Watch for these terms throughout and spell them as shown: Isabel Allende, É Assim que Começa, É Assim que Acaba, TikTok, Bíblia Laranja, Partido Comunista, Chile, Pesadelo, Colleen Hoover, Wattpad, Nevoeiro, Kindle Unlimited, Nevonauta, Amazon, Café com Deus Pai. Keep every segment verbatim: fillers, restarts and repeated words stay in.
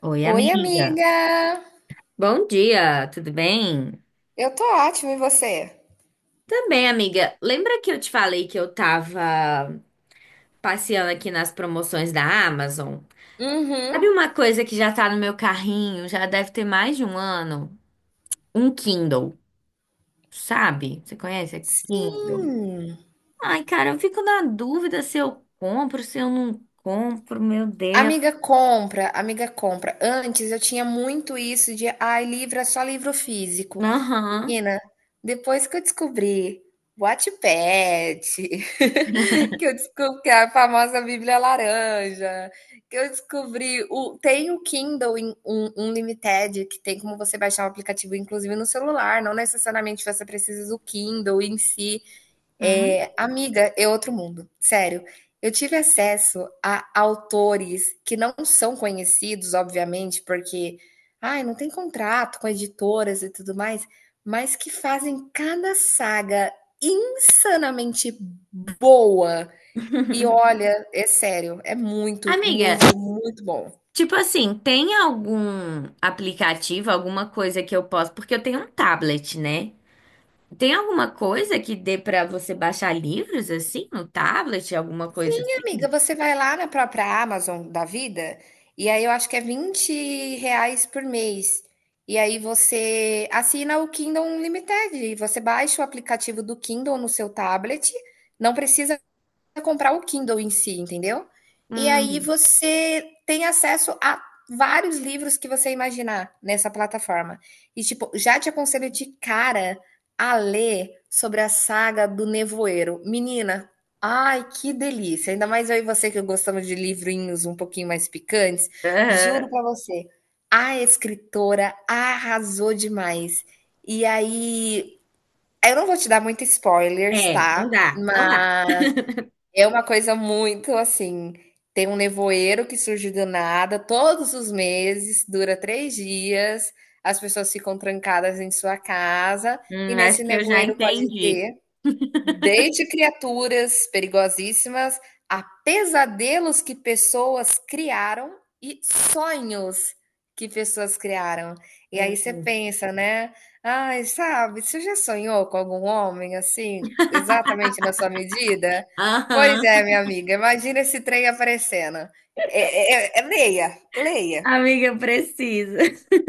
Oi, Oi, amiga. amiga! Bom dia, tudo bem? Eu tô ótima, e você? Também, amiga. Lembra que eu te falei que eu tava passeando aqui nas promoções da Amazon? Uhum. Sabe uma coisa que já tá no meu carrinho, já deve ter mais de um ano? Um Kindle, sabe? Você conhece Kindle? Sim. Ai, cara, eu fico na dúvida se eu compro, se eu não compro, meu Deus. Amiga compra, amiga compra. Antes eu tinha muito isso de, ai, livro é só livro físico. Aham. Menina, depois que eu descobri Wattpad, que eu descobri que é a famosa Bíblia Laranja, que eu descobri o tem o Kindle in- um, Unlimited, que tem como você baixar um aplicativo inclusive no celular, não necessariamente você precisa do Kindle em si. Hum. É, amiga, é outro mundo, sério. Eu tive acesso a autores que não são conhecidos, obviamente, porque ai, não tem contrato com editoras e tudo mais, mas que fazem cada saga insanamente boa. E olha, é sério, é muito, Amiga, muito, muito bom. tipo assim, tem algum aplicativo, alguma coisa que eu posso, porque eu tenho um tablet, né? Tem alguma coisa que dê pra você baixar livros assim no tablet, alguma coisa Sim, assim? amiga, você vai lá na própria Amazon da vida, e aí eu acho que é vinte reais por mês. E aí você assina o Kindle Unlimited, e você baixa o aplicativo do Kindle no seu tablet, não precisa comprar o Kindle em si, entendeu? E aí Hum, você tem acesso a vários livros que você imaginar nessa plataforma. E, tipo, já te aconselho de cara a ler sobre a saga do Nevoeiro. Menina, ai, que delícia! Ainda mais eu e você, que gostamos de livrinhos um pouquinho mais picantes. Juro aham. pra você, a escritora arrasou demais. E aí, eu não vou te dar muito spoilers, É, tá? não dá, não dá. Mas é uma coisa muito assim. Tem um nevoeiro que surge do nada todos os meses, dura três dias, as pessoas ficam trancadas em sua casa, e Hum, acho nesse que eu já nevoeiro pode entendi. ter desde criaturas perigosíssimas a pesadelos que pessoas criaram e sonhos que pessoas criaram. E aí você Uhum. pensa, né? Ai, sabe, você já sonhou com algum homem assim, exatamente na sua medida? Pois Aham. é, minha amiga, imagina esse trem aparecendo. É, é- é- leia, leia. Amiga, eu preciso.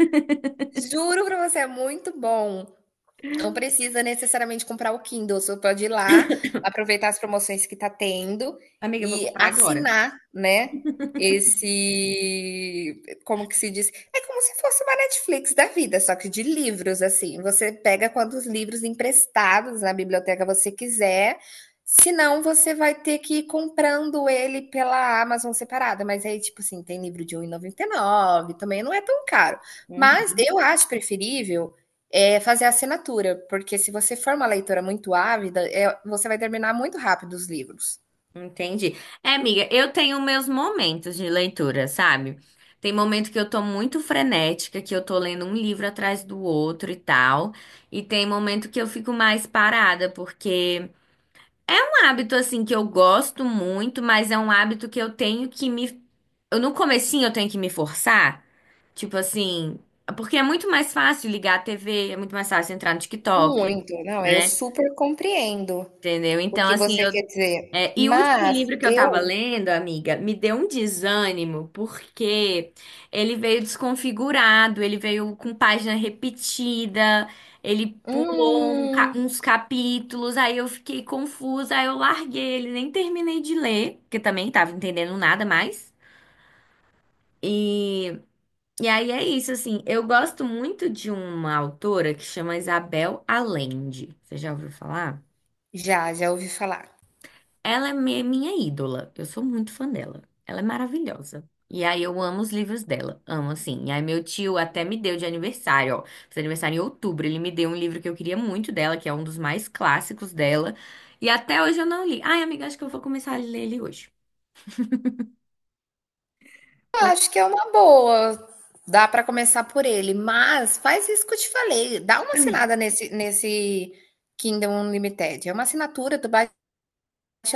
Juro pra você, é muito bom. Não precisa necessariamente comprar o Kindle, você pode ir lá, aproveitar as promoções que está tendo Amiga, eu vou e comprar agora. assinar, né, esse, como que se diz? É como se fosse uma Netflix da vida, só que de livros, assim. Você pega quantos livros emprestados na biblioteca você quiser, senão você vai ter que ir comprando ele pela Amazon separada. Mas aí, tipo assim, tem livro de R$ um real e noventa e nove, também não é tão caro. Mas Uhum. eu acho preferível é fazer a assinatura, porque se você for uma leitora muito ávida, eh, você vai terminar muito rápido os livros. Entendi. É, amiga, eu tenho meus momentos de leitura, sabe? Tem momento que eu tô muito frenética, que eu tô lendo um livro atrás do outro e tal. E tem momento que eu fico mais parada, porque é um hábito assim que eu gosto muito, mas é um hábito que eu tenho que me eu no comecinho eu tenho que me forçar, tipo assim, porque é muito mais fácil ligar a T V, é muito mais fácil entrar no TikTok, Muito, não, eu né? super compreendo Entendeu? o Então, que assim, você quer eu dizer. é, e o último Mas livro que eu tava eu, lendo, amiga, me deu um desânimo, porque ele veio desconfigurado, ele veio com página repetida, ele pulou um ca- hum, uns capítulos, aí eu fiquei confusa, aí eu larguei ele, nem terminei de ler, porque também tava entendendo nada mais. E, e aí é isso, assim, eu gosto muito de uma autora que chama Isabel Allende. Você já ouviu falar? já, já ouvi falar. Ela é mi- minha ídola. Eu sou muito fã dela. Ela é maravilhosa. E aí eu amo os livros dela. Amo, assim. E aí meu tio até me deu de aniversário, ó. Fez aniversário em outubro. Ele me deu um livro que eu queria muito dela, que é um dos mais clássicos dela. E até hoje eu não li. Ai, amiga, acho que eu vou começar a ler ele hoje. Eu Pouco acho que é uma boa, dá para começar por ele, mas faz isso que eu te falei, dá uma pra mim. assinada nesse nesse Kindle Unlimited, é uma assinatura, tu vai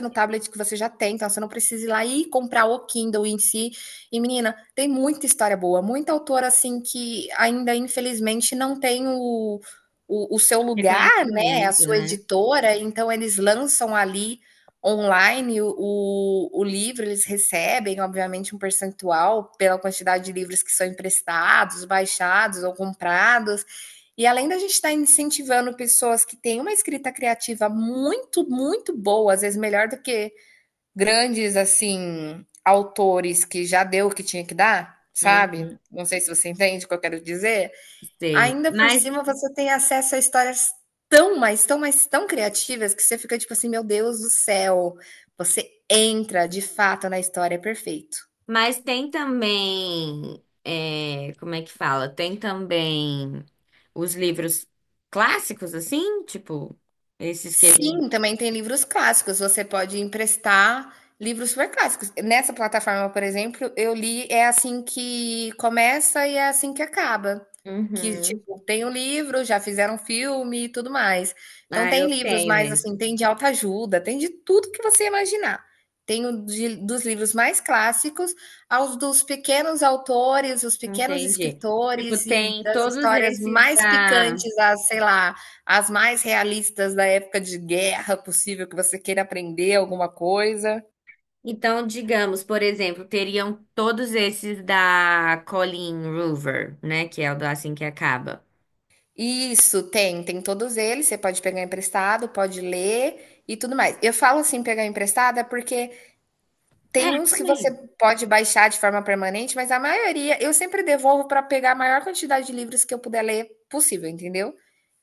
no tablet que você já tem, então você não precisa ir lá e comprar o Kindle em si. E menina, tem muita história boa, muita autora assim que ainda infelizmente não tem o, o, o seu lugar, né? A Reconhecimento, sua né? editora, então eles lançam ali online o, o, o livro, eles recebem, obviamente, um percentual pela quantidade de livros que são emprestados, baixados ou comprados. E além da gente estar incentivando pessoas que têm uma escrita criativa muito, muito boa, às vezes melhor do que grandes, assim, autores que já deu o que tinha que dar, sabe? Uhum, Não sei se você entende o que eu quero dizer. sei. Ainda por Mas cima, você tem acesso a histórias tão, mas tão, mas tão criativas que você fica tipo assim, meu Deus do céu. Você entra de fato na história, é perfeito. Mas tem também, é, como é que fala? Tem também os livros clássicos, assim, tipo, esses que a gente. Sim, também tem livros clássicos. Você pode emprestar livros super clássicos. Nessa plataforma, por exemplo, eu li É Assim que Começa e É Assim que Acaba. Que, Uhum. tipo, tem o livro, já fizeram filme e tudo mais. Então Ah, tem eu livros tenho mais, eles. assim, tem de autoajuda, tem de tudo que você imaginar. Tem o de dos livros mais clássicos aos dos pequenos autores, os pequenos Entendi. Tipo, escritores e tem das todos histórias esses mais da. picantes, as sei lá, as mais realistas da época de guerra possível que você queira aprender alguma coisa. Então, digamos, por exemplo, teriam todos esses da Colleen Hoover, né? Que é o do Assim que Acaba. Isso, tem, tem todos eles, você pode pegar emprestado, pode ler e tudo mais. Eu falo assim, pegar emprestado, é porque É, tem uns que você também. pode baixar de forma permanente, mas a maioria eu sempre devolvo para pegar a maior quantidade de livros que eu puder ler possível, entendeu?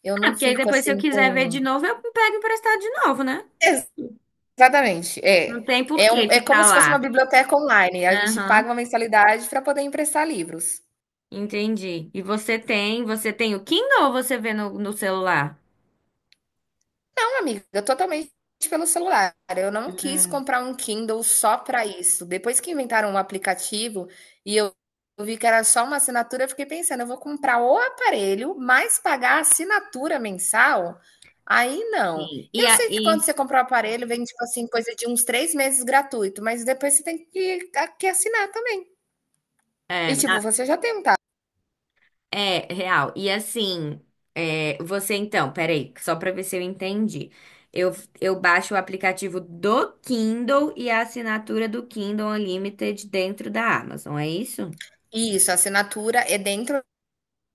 Eu Ah, não porque aí fico depois, se eu assim quiser ver com. de novo, eu pego emprestado de novo, né? Exatamente, Não é. tem por É, um- que é como ficar se fosse uma lá. biblioteca online. A gente Aham, paga uma mensalidade para poder emprestar livros. entendi. E você tem, você tem o Kindle ou você vê no, no celular? Não, amiga, totalmente pelo celular. Eu não quis comprar um Kindle só para isso. Depois que inventaram um aplicativo e eu eu vi que era só uma assinatura, eu fiquei pensando, eu vou comprar o aparelho, mas pagar a assinatura mensal? Aí não. Sim. E Eu sei que quando aí, você compra o aparelho, vem, tipo assim, coisa de uns três meses gratuito, mas depois você tem que, que assinar também. E, é, a- tipo, você já tem um tablet. é real. E assim, é, você então, peraí, só para ver se eu entendi. Eu, eu baixo o aplicativo do Kindle e a assinatura do Kindle Unlimited dentro da Amazon, é isso? Isso, a assinatura é dentro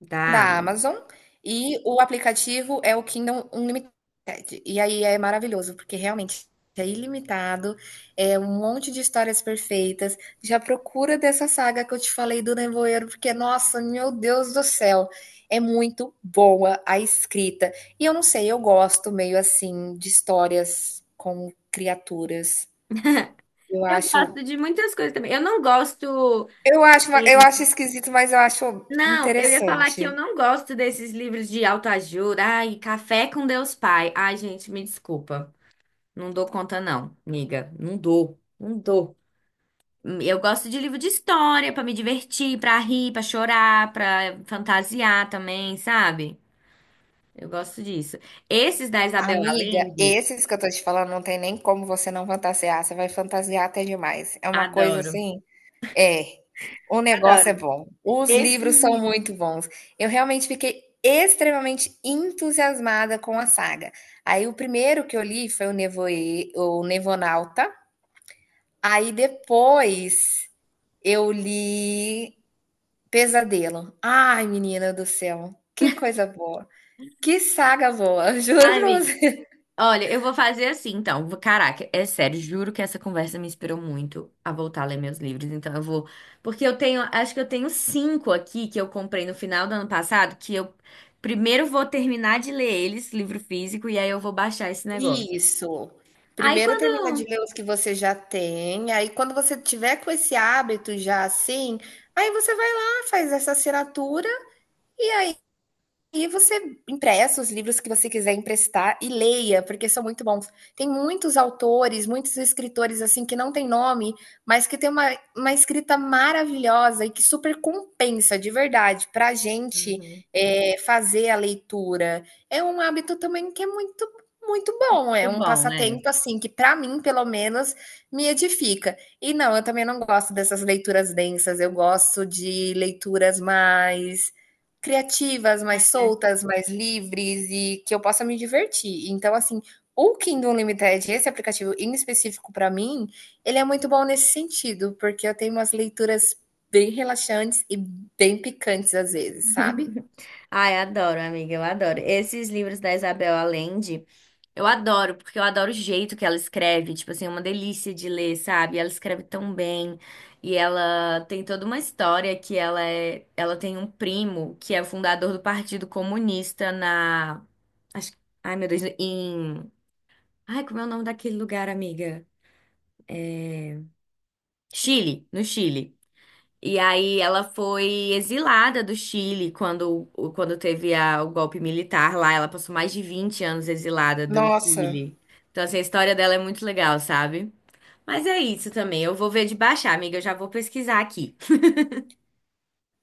Da da Amazon. Amazon e o aplicativo é o Kindle Unlimited. E aí é maravilhoso, porque realmente é ilimitado, é um monte de histórias perfeitas. Já procura dessa saga que eu te falei do Nevoeiro, porque, nossa, meu Deus do céu, é muito boa a escrita. E eu não sei, eu gosto meio assim de histórias com criaturas. Eu Eu acho, gosto de muitas coisas também. Eu não gosto. eu acho, eu acho esquisito, mas eu acho Não, eu ia falar que eu interessante. não gosto desses livros de autoajuda. Ai, Café com Deus Pai. Ai, gente, me desculpa. Não dou conta, não, amiga. Não dou, não dou. Eu gosto de livro de história pra me divertir, pra rir, pra chorar, pra fantasiar também, sabe? Eu gosto disso. Esses da Isabel Amiga, Allende, esses que eu tô te falando não tem nem como você não fantasiar, você vai fantasiar até demais. É uma coisa adoro. assim é, o negócio é Adoro. bom, os Esse, livros são muito bons. Eu realmente fiquei extremamente entusiasmada com a saga. Aí o primeiro que eu li foi o Nevoe o Nevonauta, aí depois eu li Pesadelo. Ai, menina do céu, que coisa boa, que saga boa, juro ai, pra amiga. você. Olha, eu vou fazer assim, então. Vou- Caraca, é sério, juro que essa conversa me inspirou muito a voltar a ler meus livros. Então eu vou. Porque eu tenho, acho que eu tenho cinco aqui que eu comprei no final do ano passado, que eu primeiro vou terminar de ler eles, livro físico, e aí eu vou baixar esse negócio. Isso. Aí Primeiro termina de quando. ler os que você já tem, aí quando você tiver com esse hábito já assim, aí você vai lá, faz essa assinatura e e você empresta os livros que você quiser emprestar e leia, porque são muito bons. Tem muitos autores, muitos escritores assim que não tem nome, mas que tem uma, uma escrita maravilhosa e que super compensa de verdade para a gente Uhum. é, fazer a leitura. É um hábito também que é muito, muito bom. É Muito um bom, né? passatempo assim que para mim, pelo menos, me edifica. E não, eu também não gosto dessas leituras densas. Eu gosto de leituras mais criativas, mais soltas, mais livres e que eu possa me divertir. Então, assim, o Kindle Unlimited, esse aplicativo em específico para mim, ele é muito bom nesse sentido, porque eu tenho umas leituras bem relaxantes e bem picantes às vezes, sabe? Ai, adoro, amiga, eu adoro. Esses livros da Isabel Allende. Eu adoro, porque eu adoro o jeito que ela escreve, tipo assim, é uma delícia de ler, sabe? Ela escreve tão bem e ela tem toda uma história que ela é, ela tem um primo que é fundador do Partido Comunista na, acho, ai meu Deus, em, ai como é o nome daquele lugar, amiga? Chile, no Chile. E aí ela foi exilada do Chile quando, o- quando teve a- o golpe militar lá, ela passou mais de vinte anos exilada do Nossa. Chile. Então assim, a história dela é muito legal, sabe? Mas é isso também. Eu vou ver de baixar, amiga. Eu já vou pesquisar aqui.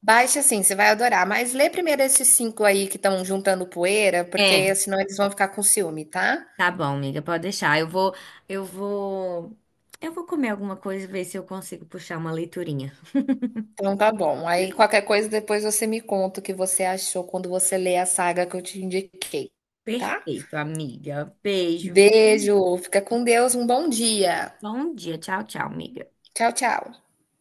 Baixa assim, você vai adorar. Mas lê primeiro esses cinco aí que estão juntando poeira, É, porque senão eles vão ficar com ciúme, tá? tá bom, amiga. Pode deixar. Eu vou, eu vou, eu vou comer alguma coisa e ver se eu consigo puxar uma leiturinha. Então tá bom. Aí qualquer coisa depois você me conta o que você achou quando você lê a saga que eu te indiquei, tá? Perfeito, amiga. Beijo, viu? Beijo, fica com Deus, um bom dia. Bom dia. Tchau, tchau, amiga. Tchau, tchau.